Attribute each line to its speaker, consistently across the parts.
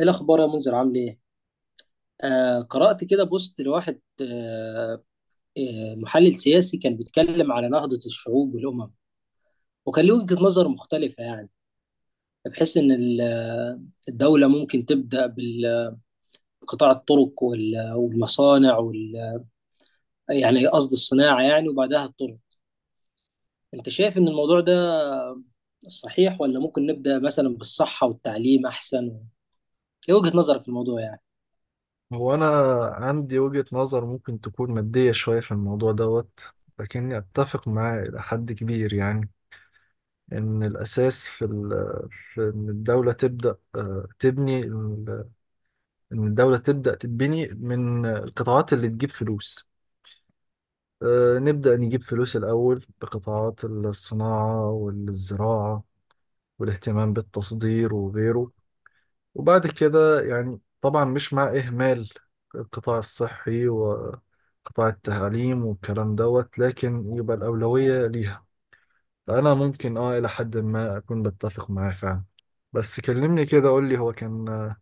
Speaker 1: ايه الاخبار يا منذر، عامل ايه؟ قرات كده بوست لواحد. محلل سياسي كان بيتكلم على نهضه الشعوب والامم، وكان له وجهه نظر مختلفه يعني، بحيث ان الدوله ممكن تبدا بقطاع الطرق والمصانع وال آه، يعني قصد الصناعه يعني، وبعدها الطرق. انت شايف ان الموضوع ده صحيح، ولا ممكن نبدا مثلا بالصحه والتعليم احسن؟ ايه وجهه نظرك في الموضوع يعني؟
Speaker 2: هو أنا عندي وجهة نظر ممكن تكون مادية شوية في الموضوع دوت. لكني أتفق معاه إلى حد كبير، يعني إن الأساس في إن الدولة تبدأ تبني إن الدولة تبدأ تتبني من القطاعات اللي تجيب فلوس. نبدأ نجيب فلوس الأول بقطاعات الصناعة والزراعة والاهتمام بالتصدير وغيره. وبعد كده يعني طبعا مش مع إهمال القطاع الصحي وقطاع التعليم والكلام دوت، لكن يبقى الأولوية ليها. فأنا ممكن آه إلى حد ما أكون بتفق معاه فعلا. بس كلمني كده، قول لي هو كان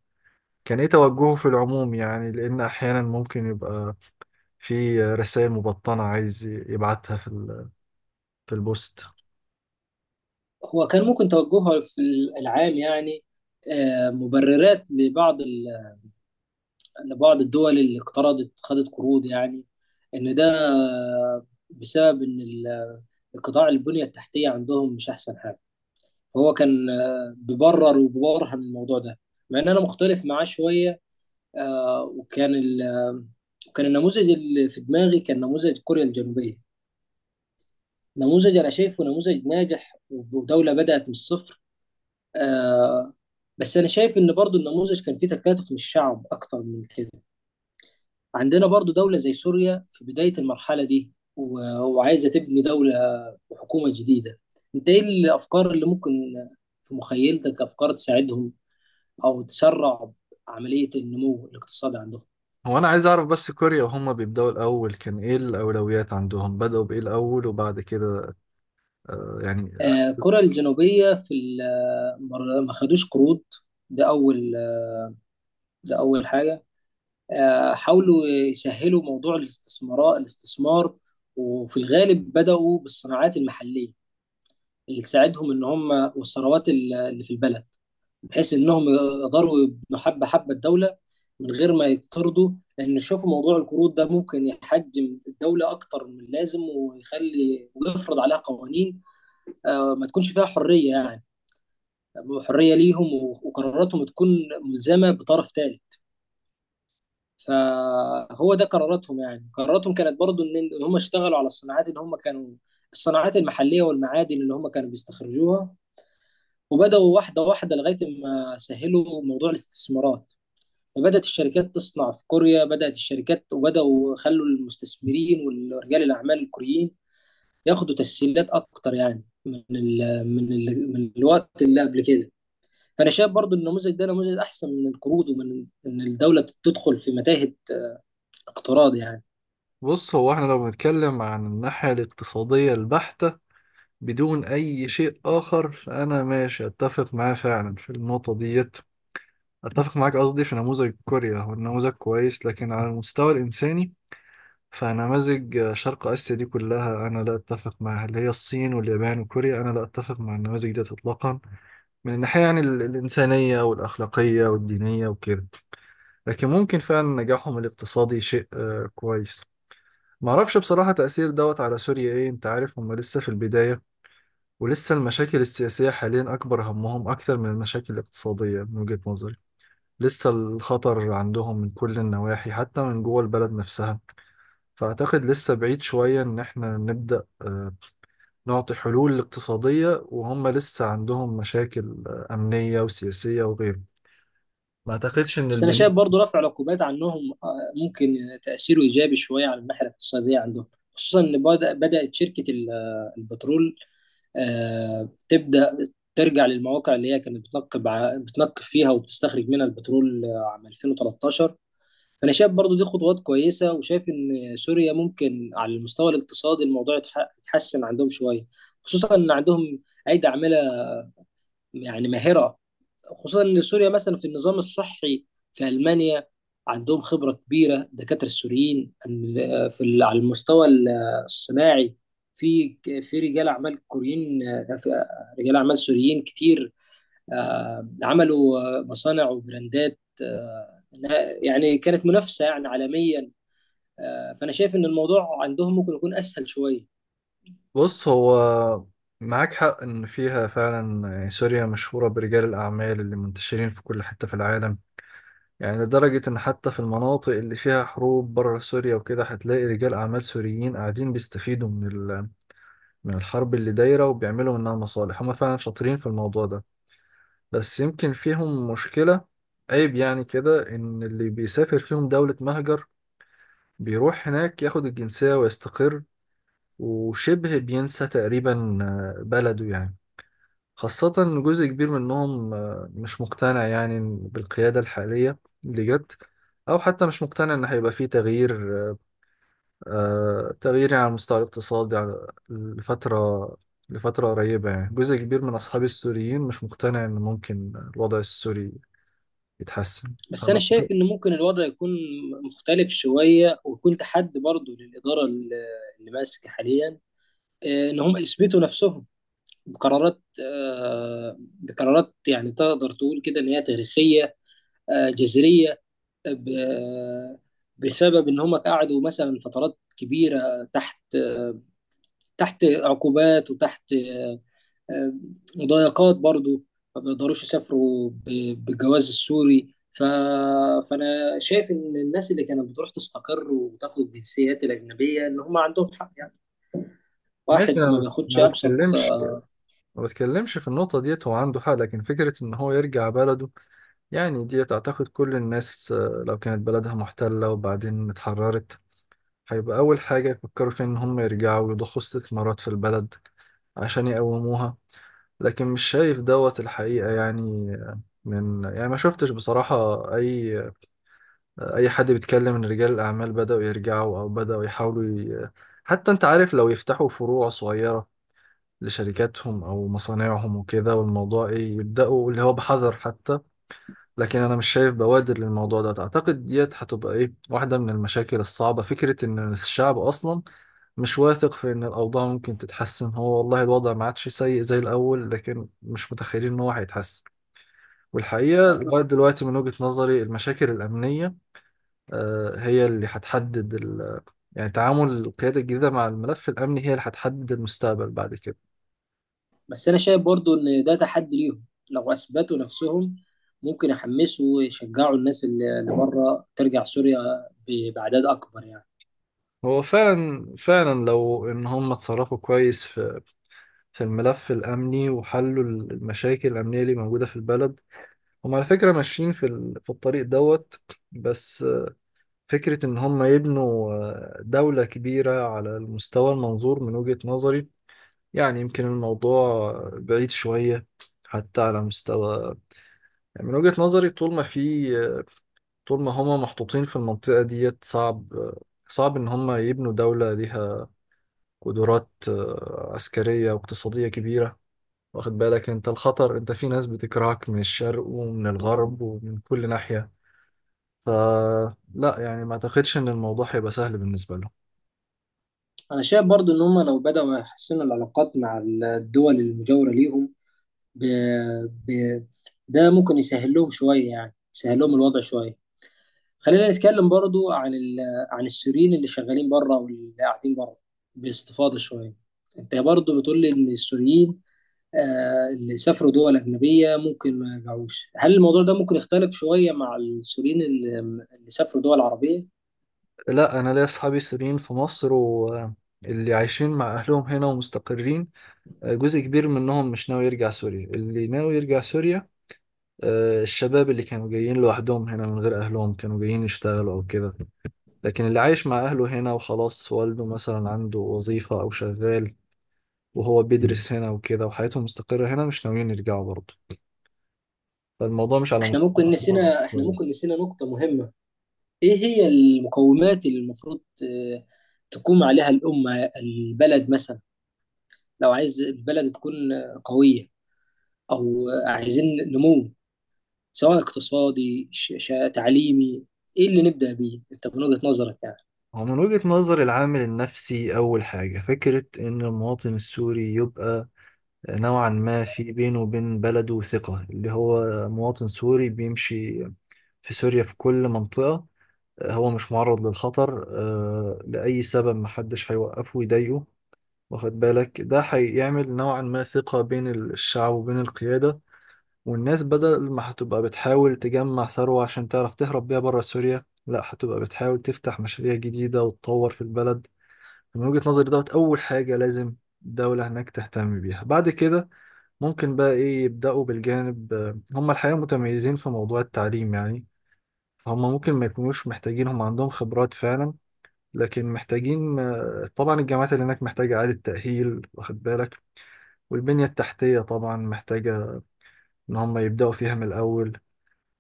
Speaker 2: كان إيه توجهه في العموم، يعني لأن أحيانا ممكن يبقى في رسائل مبطنة عايز يبعتها في في البوست.
Speaker 1: هو كان ممكن توجهها في العام يعني، مبررات لبعض الدول اللي اقترضت خدت قروض، يعني ان ده بسبب ان القطاع البنية التحتية عندهم مش احسن حاجة. فهو كان بيبرر وبيبرهن الموضوع ده، مع ان انا مختلف معاه شوية. آه، وكان ال- آه، وكان النموذج اللي في دماغي كان نموذج كوريا الجنوبية، نموذج انا شايفه نموذج ناجح، ودولة بدأت من الصفر. آه بس انا شايف ان برضو النموذج كان فيه تكاتف من الشعب اكتر من كده. عندنا برضو دولة زي سوريا في بداية المرحلة دي وعايزة تبني دولة وحكومة جديدة. انت ايه الافكار اللي ممكن في مخيلتك، افكار تساعدهم او تسرع عملية النمو الاقتصادي عندهم؟
Speaker 2: هو أنا عايز أعرف بس كوريا وهم بيبدأوا الأول كان إيه الأولويات عندهم، بدأوا بإيه الأول وبعد كده يعني.
Speaker 1: كوريا الجنوبية ما خدوش قروض. ده اول ده اول حاجة. حاولوا يسهلوا موضوع الاستثمار، وفي الغالب بدأوا بالصناعات المحلية اللي تساعدهم ان هم، والثروات اللي في البلد، بحيث انهم يقدروا يبنوا حبة حبة الدولة من غير ما يقترضوا. لان شوفوا موضوع القروض ده ممكن يحجم الدولة اكتر من اللازم، ويخلي ويفرض عليها قوانين، ما تكونش فيها حرية يعني، حرية ليهم وقراراتهم تكون ملزمة بطرف ثالث. فهو ده قراراتهم، يعني قراراتهم كانت برضو ان إن هم اشتغلوا على الصناعات اللي هم كانوا، الصناعات المحلية والمعادن اللي هم كانوا بيستخرجوها، وبدأوا واحدة واحدة لغاية ما سهلوا موضوع الاستثمارات. فبدأت الشركات تصنع في كوريا، بدأت الشركات، وبدأوا خلوا المستثمرين ورجال الأعمال الكوريين ياخدوا تسهيلات أكتر، يعني من الوقت اللي قبل كده. فأنا شايف برضو النموذج ده نموذج أحسن من القروض، ومن إن الدولة تدخل في متاهة اقتراض يعني.
Speaker 2: بص هو احنا لو بنتكلم عن الناحية الاقتصادية البحتة بدون أي شيء آخر، فأنا ماشي أتفق معاه فعلا في النقطة ديت. أتفق معاك قصدي في نموذج كوريا، هو النموذج كويس لكن على المستوى الإنساني. فنماذج شرق آسيا دي كلها أنا لا أتفق معاها، اللي هي الصين واليابان وكوريا، أنا لا أتفق مع النماذج ديت إطلاقا، من الناحية يعني الإنسانية والأخلاقية والدينية وكده. لكن ممكن فعلا نجاحهم الاقتصادي شيء كويس. معرفش بصراحة تأثير دوت على سوريا ايه، انت عارف هم لسه في البداية، ولسه المشاكل السياسية حاليا أكبر همهم أكتر من المشاكل الاقتصادية من وجهة نظري. لسه الخطر عندهم من كل النواحي حتى من جوه البلد نفسها. فأعتقد لسه بعيد شوية إن احنا نبدأ نعطي حلول اقتصادية وهم لسه عندهم مشاكل أمنية وسياسية وغيره. ما أعتقدش إن
Speaker 1: بس انا
Speaker 2: البناء.
Speaker 1: شايف برضو رفع العقوبات عنهم، ممكن تاثيره ايجابي شويه على الناحيه الاقتصاديه عندهم. خصوصا ان بدات شركه البترول تبدا ترجع للمواقع اللي هي كانت بتنقب بتنقب فيها وبتستخرج منها البترول عام 2013. فانا شايف برضو دي خطوات كويسه، وشايف ان سوريا ممكن على المستوى الاقتصادي الموضوع يتحسن عندهم شويه. خصوصا ان عندهم ايدي عامله يعني ماهره، خصوصا ان سوريا مثلا في النظام الصحي في المانيا عندهم خبره كبيره الدكاتره السوريين على المستوى الصناعي. في رجال اعمال كوريين، في رجال اعمال سوريين كتير، عملوا مصانع وبراندات، يعني كانت منافسه يعني عالميا. فانا شايف ان الموضوع عندهم ممكن يكون اسهل شويه.
Speaker 2: بص هو معاك حق إن فيها فعلا، يعني سوريا مشهورة برجال الأعمال اللي منتشرين في كل حتة في العالم، يعني لدرجة إن حتى في المناطق اللي فيها حروب بره سوريا وكده هتلاقي رجال أعمال سوريين قاعدين بيستفيدوا من من الحرب اللي دايرة وبيعملوا منها مصالح. هما فعلا شاطرين في الموضوع ده. بس يمكن فيهم مشكلة، عيب يعني كده، إن اللي بيسافر فيهم دولة مهجر بيروح هناك ياخد الجنسية ويستقر وشبه بينسى تقريبا بلده يعني. خاصة إن جزء كبير منهم مش مقتنع يعني بالقيادة الحالية اللي جت، أو حتى مش مقتنع إن هيبقى فيه تغيير تغيير يعني على المستوى الاقتصادي، لفترة لفترة قريبة. يعني جزء كبير من أصحابي السوريين مش مقتنع إن ممكن الوضع السوري يتحسن.
Speaker 1: بس انا شايف
Speaker 2: فأعتقد-
Speaker 1: ان ممكن الوضع يكون مختلف شويه، ويكون تحدي برضه للاداره اللي ماسكه حاليا، ان هم يثبتوا نفسهم بقرارات بقرارات، يعني تقدر تقول كده ان هي تاريخيه، جذريه، آه، ب- آه، بسبب ان هم قعدوا مثلا فترات كبيره تحت عقوبات، وتحت آه، مضايقات برضو، ما بيقدروش يسافروا بالجواز السوري. فانا شايف ان الناس اللي كانت بتروح تستقر وتاخد الجنسيات الاجنبيه ان هم عندهم حق يعني.
Speaker 2: ماشي.
Speaker 1: واحد
Speaker 2: أنا
Speaker 1: ما بياخدش
Speaker 2: ما
Speaker 1: ابسط.
Speaker 2: بتكلمش ما بتكلمش في النقطة ديت، هو عنده حق، لكن فكرة إن هو يرجع بلده، يعني ديت أعتقد كل الناس لو كانت بلدها محتلة وبعدين اتحررت هيبقى أول حاجة يفكروا فيها إن هم يرجعوا ويضخوا استثمارات في البلد عشان يقوموها. لكن مش شايف دوت الحقيقة يعني. من يعني ما شفتش بصراحة أي أي حد بيتكلم إن رجال الأعمال بدأوا يرجعوا أو بدأوا يحاولوا ي... حتى أنت عارف لو يفتحوا فروع صغيرة لشركاتهم أو مصانعهم وكده، والموضوع إيه، يبدأوا اللي هو بحذر حتى. لكن أنا مش شايف بوادر للموضوع ده. أعتقد ديت هتبقى إيه، واحدة من المشاكل الصعبة فكرة إن الشعب أصلا مش واثق في إن الأوضاع ممكن تتحسن. هو والله الوضع ما عادش سيء زي الأول، لكن مش متخيلين إن هو هيتحسن. والحقيقة لغاية دلوقتي من وجهة نظري المشاكل الأمنية هي اللي هتحدد ال... يعني تعامل القيادة الجديدة مع الملف الأمني هي اللي هتحدد المستقبل بعد كده.
Speaker 1: بس انا شايف برضو ان ده تحدي ليهم، لو اثبتوا نفسهم ممكن يحمسوا ويشجعوا الناس اللي بره ترجع سوريا باعداد اكبر يعني.
Speaker 2: هو فعلا لو إن هم اتصرفوا كويس في في الملف الأمني وحلوا المشاكل الأمنية اللي موجودة في البلد، هم على فكرة ماشيين في في الطريق دوت. بس فكرة إن هم يبنوا دولة كبيرة على المستوى المنظور من وجهة نظري، يعني يمكن الموضوع بعيد شوية، حتى على مستوى، يعني من وجهة نظري طول ما في طول ما هم محطوطين في المنطقة ديت صعب صعب إن هم يبنوا دولة ليها قدرات عسكرية واقتصادية كبيرة. واخد بالك أنت الخطر، أنت في ناس بتكرهك من الشرق ومن الغرب ومن كل ناحية. فلا يعني ما أعتقدش إن الموضوع هيبقى سهل بالنسبة لهم.
Speaker 1: انا شايف برضو ان هم لو بداوا يحسنوا العلاقات مع الدول المجاوره ليهم، ب... ب... ده ممكن يسهل لهم شويه، يعني يسهل لهم الوضع شويه. خلينا نتكلم برضو عن عن السوريين اللي شغالين بره واللي قاعدين بره، باستفاضه شويه. انت برضو بتقول لي ان السوريين اللي سافروا دول أجنبية ممكن ما يرجعوش، هل الموضوع ده ممكن يختلف شوية مع السوريين اللي سافروا دول عربية؟
Speaker 2: لا، انا ليا اصحابي سوريين في مصر واللي عايشين مع اهلهم هنا ومستقرين، جزء كبير منهم مش ناوي يرجع سوريا. اللي ناوي يرجع سوريا الشباب اللي كانوا جايين لوحدهم هنا من غير اهلهم، كانوا جايين يشتغلوا او كده. لكن اللي عايش مع اهله هنا وخلاص، والده مثلا عنده وظيفة او شغال، وهو بيدرس هنا وكده وحياته مستقرة هنا، مش ناويين يرجعوا برضه. فالموضوع مش على مستوى الدولة
Speaker 1: احنا ممكن
Speaker 2: بس.
Speaker 1: نسينا نقطة مهمة. ايه هي المقومات اللي المفروض تقوم عليها الأمة البلد مثلا، لو عايز البلد تكون قوية، أو عايزين نمو، سواء اقتصادي تعليمي، ايه اللي نبدأ بيه انت من وجهة نظرك يعني؟
Speaker 2: هو من وجهة نظر العامل النفسي أول حاجة فكرة إن المواطن السوري يبقى نوعا ما في بينه وبين بلده ثقة، اللي هو مواطن سوري بيمشي في سوريا في كل منطقة هو مش معرض للخطر لأي سبب، محدش هيوقفه ويضايقه. واخد بالك ده هيعمل نوعا ما ثقة بين الشعب وبين القيادة، والناس بدل ما هتبقى بتحاول تجمع ثروة عشان تعرف تهرب بيها بره سوريا، لا، هتبقى بتحاول تفتح مشاريع جديدة وتطور في البلد. من وجهة نظري دوت أول حاجة لازم الدولة هناك تهتم بيها. بعد كده ممكن بقى ايه، يبدأوا بالجانب، هم الحقيقة متميزين في موضوع التعليم يعني، هم ممكن ما يكونوش محتاجين، هم عندهم خبرات فعلا. لكن محتاجين طبعا الجامعات اللي هناك محتاجة إعادة تأهيل واخد بالك، والبنية التحتية طبعا محتاجة إن هم يبدأوا فيها من الأول.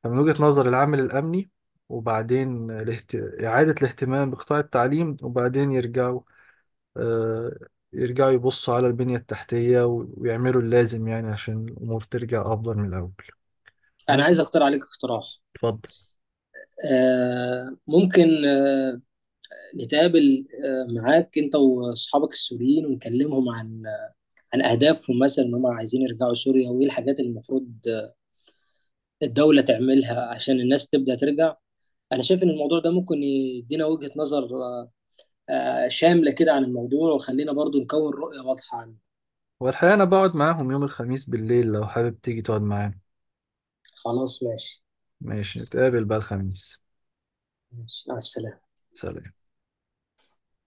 Speaker 2: فمن وجهة نظر العامل الأمني، وبعدين الاهت... إعادة الاهتمام بقطاع التعليم، وبعدين يرجعوا آه، يرجعوا يبصوا على البنية التحتية ويعملوا اللازم يعني عشان الأمور ترجع أفضل من الأول.
Speaker 1: انا عايز اختار عليك اقتراح.
Speaker 2: اتفضل.
Speaker 1: ممكن نتقابل معاك انت واصحابك السوريين ونكلمهم عن اهدافهم مثلا ان هم عايزين يرجعوا سوريا، وايه الحاجات اللي المفروض الدولة تعملها عشان الناس تبدأ ترجع. انا شايف ان الموضوع ده ممكن يدينا وجهة نظر شاملة كده عن الموضوع، وخلينا برضو نكون رؤية واضحة عنه.
Speaker 2: والحقيقة أنا بقعد معاهم يوم الخميس بالليل لو حابب تيجي تقعد معانا.
Speaker 1: خلاص، ماشي.
Speaker 2: ماشي، نتقابل بقى الخميس.
Speaker 1: ماشي، مع السلامة.
Speaker 2: سلام.